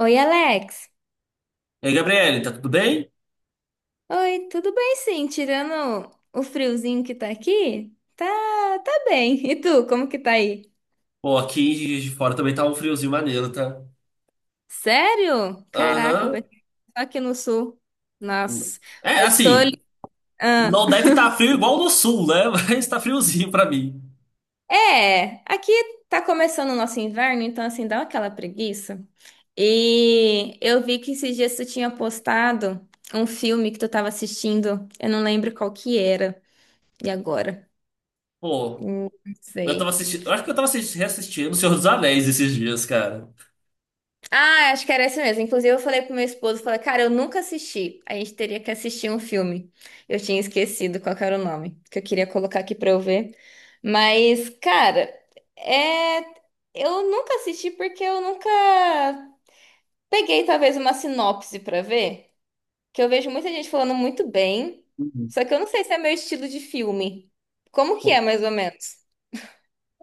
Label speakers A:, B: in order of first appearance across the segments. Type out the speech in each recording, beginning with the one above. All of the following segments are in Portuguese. A: Oi, Alex.
B: E aí, Gabriele, tá tudo bem?
A: Oi, tudo bem sim, tirando o friozinho que tá aqui? Tá, tá bem. E tu, como que tá aí?
B: Pô, aqui em Juiz de fora também tá um friozinho maneiro, tá?
A: Sério? Caraca, eu
B: Aham.
A: pensei que só aqui no sul. Nossa,
B: É,
A: eu tô.
B: assim,
A: Ah.
B: não deve estar frio igual no sul, né? Mas tá friozinho pra mim.
A: É, aqui tá começando o nosso inverno, então assim, dá aquela preguiça. E eu vi que esses dias tu tinha postado um filme que tu tava assistindo, eu não lembro qual que era. E agora?
B: Pô,
A: Não
B: eu tava
A: sei.
B: assistindo. Eu acho que eu tava reassistindo O Senhor dos Anéis esses dias, cara.
A: Ah, acho que era esse mesmo. Inclusive, eu falei pro meu esposo, falei, cara, eu nunca assisti. A gente teria que assistir um filme. Eu tinha esquecido qual que era o nome, que eu queria colocar aqui pra eu ver. Mas, cara, é... eu nunca assisti porque eu nunca peguei, talvez, uma sinopse pra ver. Que eu vejo muita gente falando muito bem,
B: Uhum.
A: só que eu não sei se é meu estilo de filme. Como que é,
B: Pô,
A: mais ou menos?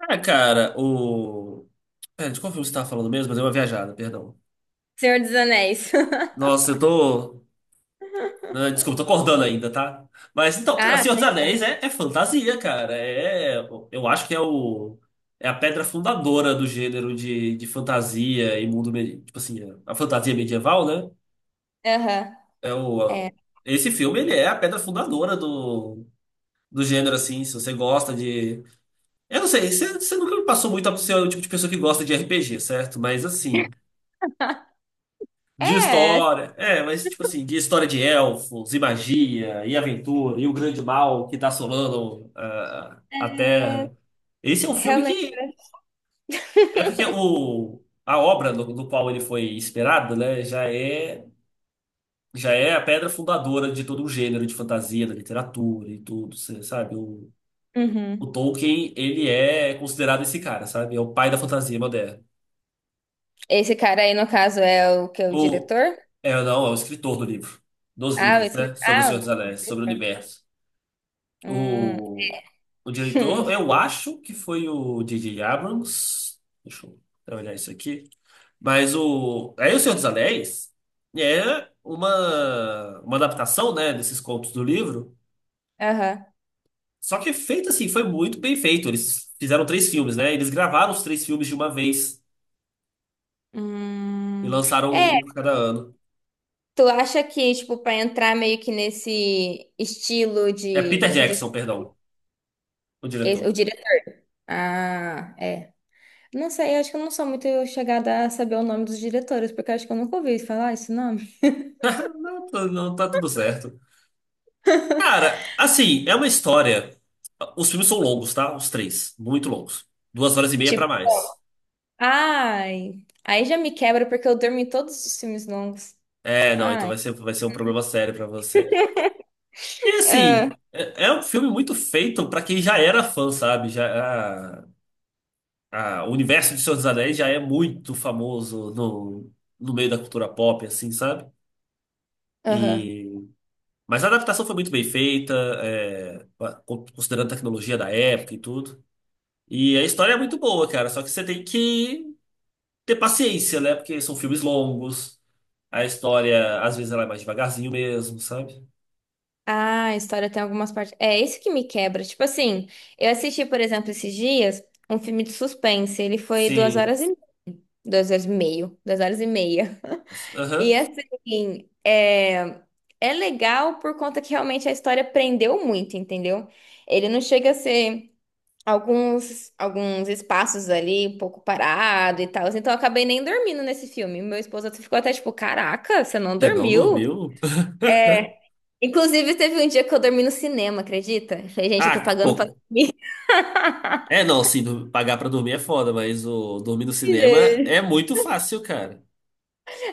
B: ah, cara, o. Pera, de qual filme você tava falando mesmo? Mas deu uma viajada, perdão.
A: Senhor dos Anéis.
B: Nossa, eu tô. Ah, desculpa, tô acordando ainda, tá? Mas então, cara,
A: Ah,
B: Senhor dos
A: tem.
B: Anéis é fantasia, cara. Eu acho que é o é a pedra fundadora do gênero de fantasia e mundo, tipo assim, a fantasia medieval, né?
A: Aham.
B: É o a-
A: É,
B: esse filme ele é a pedra fundadora do gênero assim, se você gosta de. Eu não sei, você nunca me passou muito a ser o tipo de pessoa que gosta de RPG, certo? Mas assim, de
A: é,
B: história. É, mas tipo assim, de história de elfos, e magia, e aventura, e o grande mal que tá assolando a Terra. Esse é um filme
A: realmente.
B: que. É porque a obra do qual ele foi inspirado, né, já é a pedra fundadora de todo um gênero de fantasia, da literatura e tudo, cê sabe? O
A: Uhum.
B: Tolkien, ele é considerado esse cara, sabe? É o pai da fantasia moderna.
A: Esse cara aí, no caso, é o que é o
B: O,
A: diretor?
B: não, é o escritor do livro, dos
A: Ah, o
B: livros, né?
A: escritor.
B: Sobre o Senhor
A: Ah,
B: dos Anéis, sobre o universo.
A: hum.
B: O, o diretor, eu acho que foi o D J Abrams. Deixa eu olhar isso aqui. Mas o. Aí o Senhor dos Anéis é uma adaptação, né, desses contos do livro.
A: Aham.
B: Só que é feito assim, foi muito bem feito. Eles fizeram três filmes, né? Eles gravaram os três filmes de uma vez e
A: Hum. É,
B: lançaram um por cada ano.
A: tu acha que, tipo, pra entrar meio que nesse estilo
B: É Peter
A: de,
B: Jackson, perdão, o
A: esse- o
B: diretor.
A: diretor? Ah, é. Não sei, eu acho que eu não sou muito chegada a saber o nome dos diretores, porque eu acho que eu nunca ouvi falar esse nome.
B: Não, não tá tudo certo. Cara, assim, é uma história. Os filmes são longos, tá? Os três. Muito longos. Duas horas e meia pra
A: Tipo,
B: mais.
A: ai, aí já me quebra porque eu durmo em todos os filmes longos.
B: É, não, então
A: Ai.
B: vai ser um problema sério pra você. E
A: Ah.
B: assim, é um filme muito feito pra quem já era fã, sabe? O universo de Senhor dos Anéis já é muito famoso no meio da cultura pop, assim, sabe?
A: Aham.
B: E, mas a adaptação foi muito bem feita, é, considerando a tecnologia da época e tudo. E a história é muito boa, cara. Só que você tem que ter paciência, né? Porque são filmes longos, a história às vezes ela é mais devagarzinho mesmo, sabe?
A: Ah, a história tem algumas partes. É isso que me quebra. Tipo assim, eu assisti, por exemplo, esses dias um filme de suspense. Ele foi duas
B: Sim.
A: horas e 2 horas e meia. E
B: Aham.
A: assim, é legal por conta que realmente a história prendeu muito, entendeu? Ele não chega a ser alguns espaços ali um pouco parado e tal. Assim, então eu acabei nem dormindo nesse filme. Meu esposo ficou até tipo, caraca, você não
B: Você não
A: dormiu?
B: dormiu?
A: Inclusive, teve um dia que eu dormi no cinema, acredita? Eu falei, gente, eu tô
B: Ah,
A: pagando pra
B: pô.
A: dormir.
B: É, não, sim, pagar pra dormir é foda, mas o dormir no cinema é
A: Gente.
B: muito fácil, cara.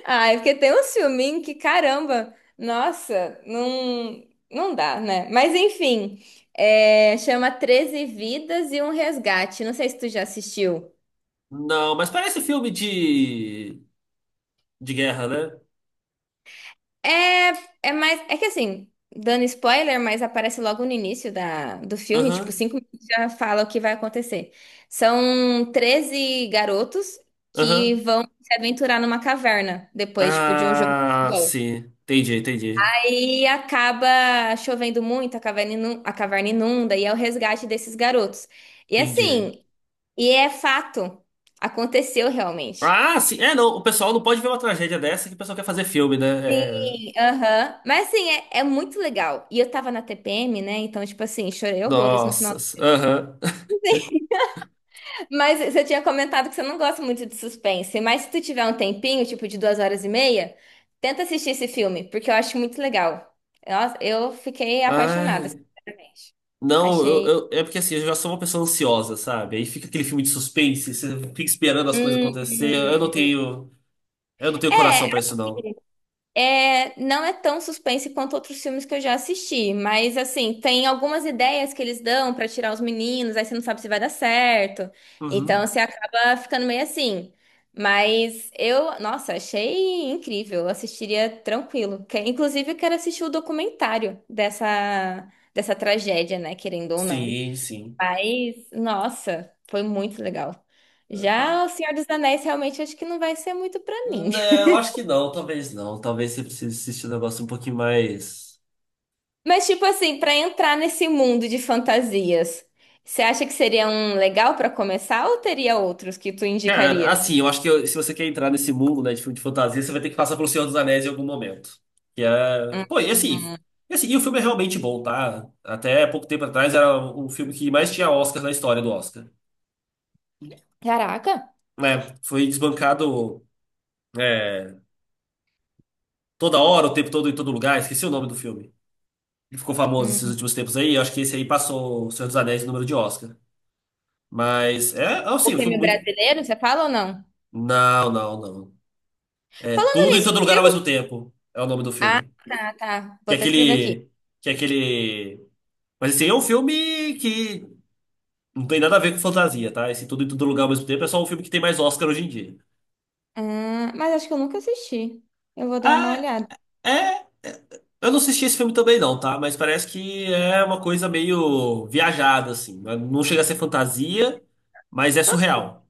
A: Ai, porque tem uns filminhos que, caramba, nossa, não, não dá, né? Mas enfim, é, chama Treze Vidas e um Resgate. Não sei se tu já assistiu.
B: Não, mas parece filme de guerra, né?
A: É, é mais. É que assim, dando spoiler, mas aparece logo no início do filme, tipo,
B: Aham,
A: 5 minutos já fala o que vai acontecer. São 13 garotos que
B: aham.
A: vão se aventurar numa caverna depois, tipo, de um jogo. De
B: Ah,
A: futebol.
B: sim. Entendi.
A: Aí acaba chovendo muito, a caverna a caverna inunda, e é o resgate desses garotos. E
B: Entendi.
A: assim, e é fato, aconteceu realmente.
B: Ah, sim. É, não. O pessoal não pode ver uma tragédia dessa que o pessoal quer fazer filme, né? É...
A: Sim, aham. Mas assim, é, é muito legal. E eu tava na TPM, né? Então, tipo assim, chorei horrores no final.
B: Nossa. Aham.
A: Mas você tinha comentado que você não gosta muito de suspense. Mas se tu tiver um tempinho, tipo de 2 horas e meia, tenta assistir esse filme, porque eu acho muito legal. Nossa, eu fiquei apaixonada,
B: Ai,
A: sinceramente.
B: não,
A: Achei.
B: é porque assim, eu já sou uma pessoa ansiosa, sabe? Aí fica aquele filme de suspense, você fica esperando as coisas
A: Hum.
B: acontecer.
A: Hum.
B: Eu não tenho
A: É,
B: coração pra isso, não.
A: assim, é, não é tão suspense quanto outros filmes que eu já assisti, mas assim, tem algumas ideias que eles dão pra tirar os meninos, aí você não sabe se vai dar certo. Então
B: Uhum.
A: você acaba ficando meio assim. Mas eu, nossa, achei incrível, eu assistiria tranquilo. Que- inclusive, eu quero assistir o documentário dessa tragédia, né? Querendo ou não.
B: Sim, sim.
A: Mas, nossa, foi muito legal. Já O Senhor dos Anéis realmente acho que não vai ser muito pra mim.
B: Né, eu acho que não, talvez não. Talvez você precise assistir um negócio um pouquinho mais.
A: Mas, tipo assim, pra entrar nesse mundo de fantasias, você acha que seria um legal pra começar ou teria outros que tu
B: Cara,
A: indicaria?
B: assim, eu acho que eu- se você quer entrar nesse mundo, né, de filme de fantasia, você vai ter que passar pelo Senhor dos Anéis em algum momento. Que é. Pô, e assim, e o filme é realmente bom, tá? Até pouco tempo atrás era o filme que mais tinha Oscar na história do Oscar.
A: Caraca!
B: É, foi desbancado é, toda hora, o tempo todo, em todo lugar. Esqueci o nome do filme. Ele ficou famoso esses
A: Hum.
B: últimos tempos aí. Eu acho que esse aí passou o Senhor dos Anéis em número de Oscar. Mas é
A: O
B: assim, um filme
A: filme
B: muito.
A: brasileiro, você fala ou não?
B: Não. É
A: Falando
B: Tudo em
A: nisso,
B: Todo Lugar ao
A: viu?
B: mesmo tempo. É o nome do
A: Ah,
B: filme.
A: tá, tá.
B: Que
A: Vou
B: é
A: até escrever aqui.
B: aquele. Que é aquele. Mas assim, é um filme que não tem nada a ver com fantasia, tá? Esse Tudo em Todo Lugar ao mesmo tempo é só um filme que tem mais Oscar hoje em dia.
A: Ah, mas acho que eu nunca assisti. Eu vou dar uma
B: Ah,
A: olhada.
B: É, é, eu não assisti esse filme também não, tá? Mas parece que é uma coisa meio viajada, assim. Não chega a ser fantasia, mas é surreal.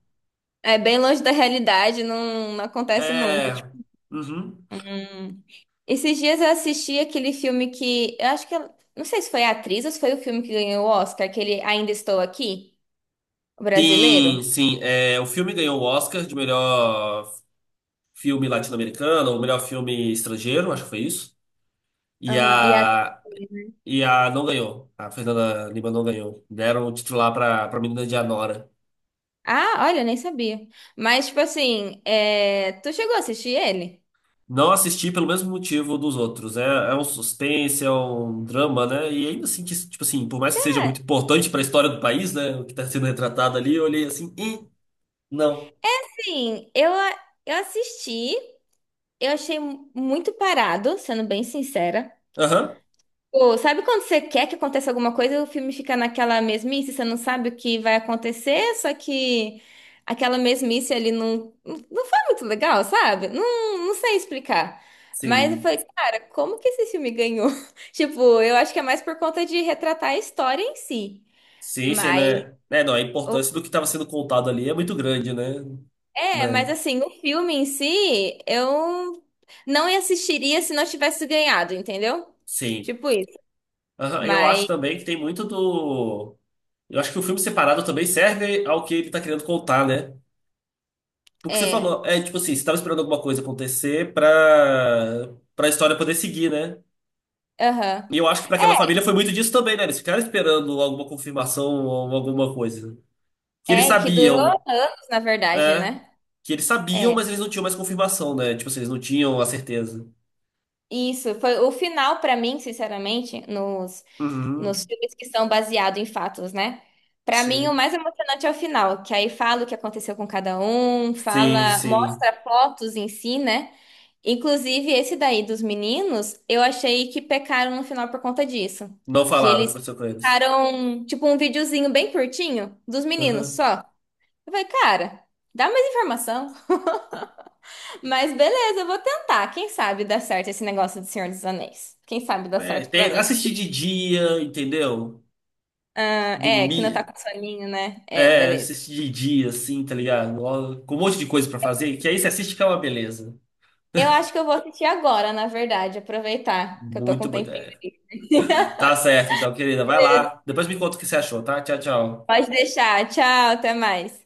A: É bem longe da realidade, não, não acontece nunca.
B: É.
A: Tipo.
B: Uhum.
A: Hum. Esses dias eu assisti aquele filme que. Eu acho que. Não sei se foi a atriz ou se foi o filme que ganhou o Oscar, aquele Ainda Estou Aqui, o brasileiro.
B: Sim, sim. É, o filme ganhou o Oscar de melhor filme latino-americano, ou melhor filme estrangeiro, acho que foi isso. E
A: Aham, e a...
B: a, e a não ganhou. A Fernanda Lima não ganhou. Deram o título lá pra menina de Anora.
A: Ah, olha, nem sabia. Mas, tipo assim, é, tu chegou a assistir ele?
B: Não assisti pelo mesmo motivo dos outros. É, é um suspense, é um drama, né? E ainda assim, que, tipo assim, por mais que seja muito importante para a história do país, né? O que está sendo retratado ali, eu olhei assim, e não.
A: Sim, eu, a- eu assisti, eu achei muito parado, sendo bem sincera.
B: Aham,
A: Pô, sabe quando você quer que aconteça alguma coisa e o filme fica naquela mesmice, você não sabe o que vai acontecer, só que aquela mesmice ali não foi muito legal, sabe? Não sei explicar. Mas eu
B: sim.
A: falei, cara, como que esse filme ganhou? Tipo, eu acho que é mais por conta de retratar a história em si.
B: Sim, sim,
A: Mas,
B: né? É, não, a
A: o-
B: importância do que estava sendo contado ali é muito grande, né?
A: é, mas
B: Né?
A: assim, o filme em si, eu não assistiria se não tivesse ganhado, entendeu?
B: Sim.
A: Tipo isso.
B: Aham, eu acho
A: Mas,
B: também que tem muito do. Eu acho que o filme separado também serve ao que ele está querendo contar, né? O que você
A: é,
B: falou é tipo assim, você tava esperando alguma coisa acontecer pra história poder seguir, né?
A: aham.
B: E eu acho que pra aquela família foi muito disso também, né? Eles ficaram esperando alguma confirmação ou alguma coisa. Que eles
A: É, que durou
B: sabiam,
A: anos, na verdade,
B: é.
A: né?
B: Que eles sabiam,
A: É,
B: mas eles não tinham mais confirmação, né? Tipo assim, eles não tinham a certeza.
A: isso. Foi o final, pra mim, sinceramente, nos
B: Uhum.
A: filmes que são baseados em fatos, né? Pra mim, o
B: Sim.
A: mais emocionante é o final, que aí fala o que aconteceu com cada um,
B: Sim,
A: fala,
B: sim.
A: mostra fotos em si, né? Inclusive, esse daí dos meninos, eu achei que pecaram no final por conta disso.
B: Não
A: Que
B: falaram o que
A: eles
B: aconteceu com eles.
A: ficaram, tipo, um videozinho bem curtinho dos meninos
B: Aham.
A: só. Eu falei, cara, dá mais informação. Mas beleza, eu vou tentar. Quem sabe dá certo esse negócio do Senhor dos Anéis? Quem sabe dá
B: É,
A: certo pra
B: tem,
A: mim?
B: assistir de dia, entendeu?
A: Ah, é, que não tá
B: Dormir.
A: com soninho, né? É,
B: É,
A: beleza.
B: assiste de dia, assim, tá ligado? Ó, com um monte de coisa pra fazer, que aí você assiste que é uma beleza.
A: Eu acho que eu vou assistir agora, na verdade, aproveitar que eu tô com
B: Muito
A: um
B: boa
A: tempinho.
B: ideia. Tá certo, então, querida, vai
A: Beleza.
B: lá. Depois me conta o que você achou, tá? Tchau, tchau.
A: Pode deixar. Tchau, até mais.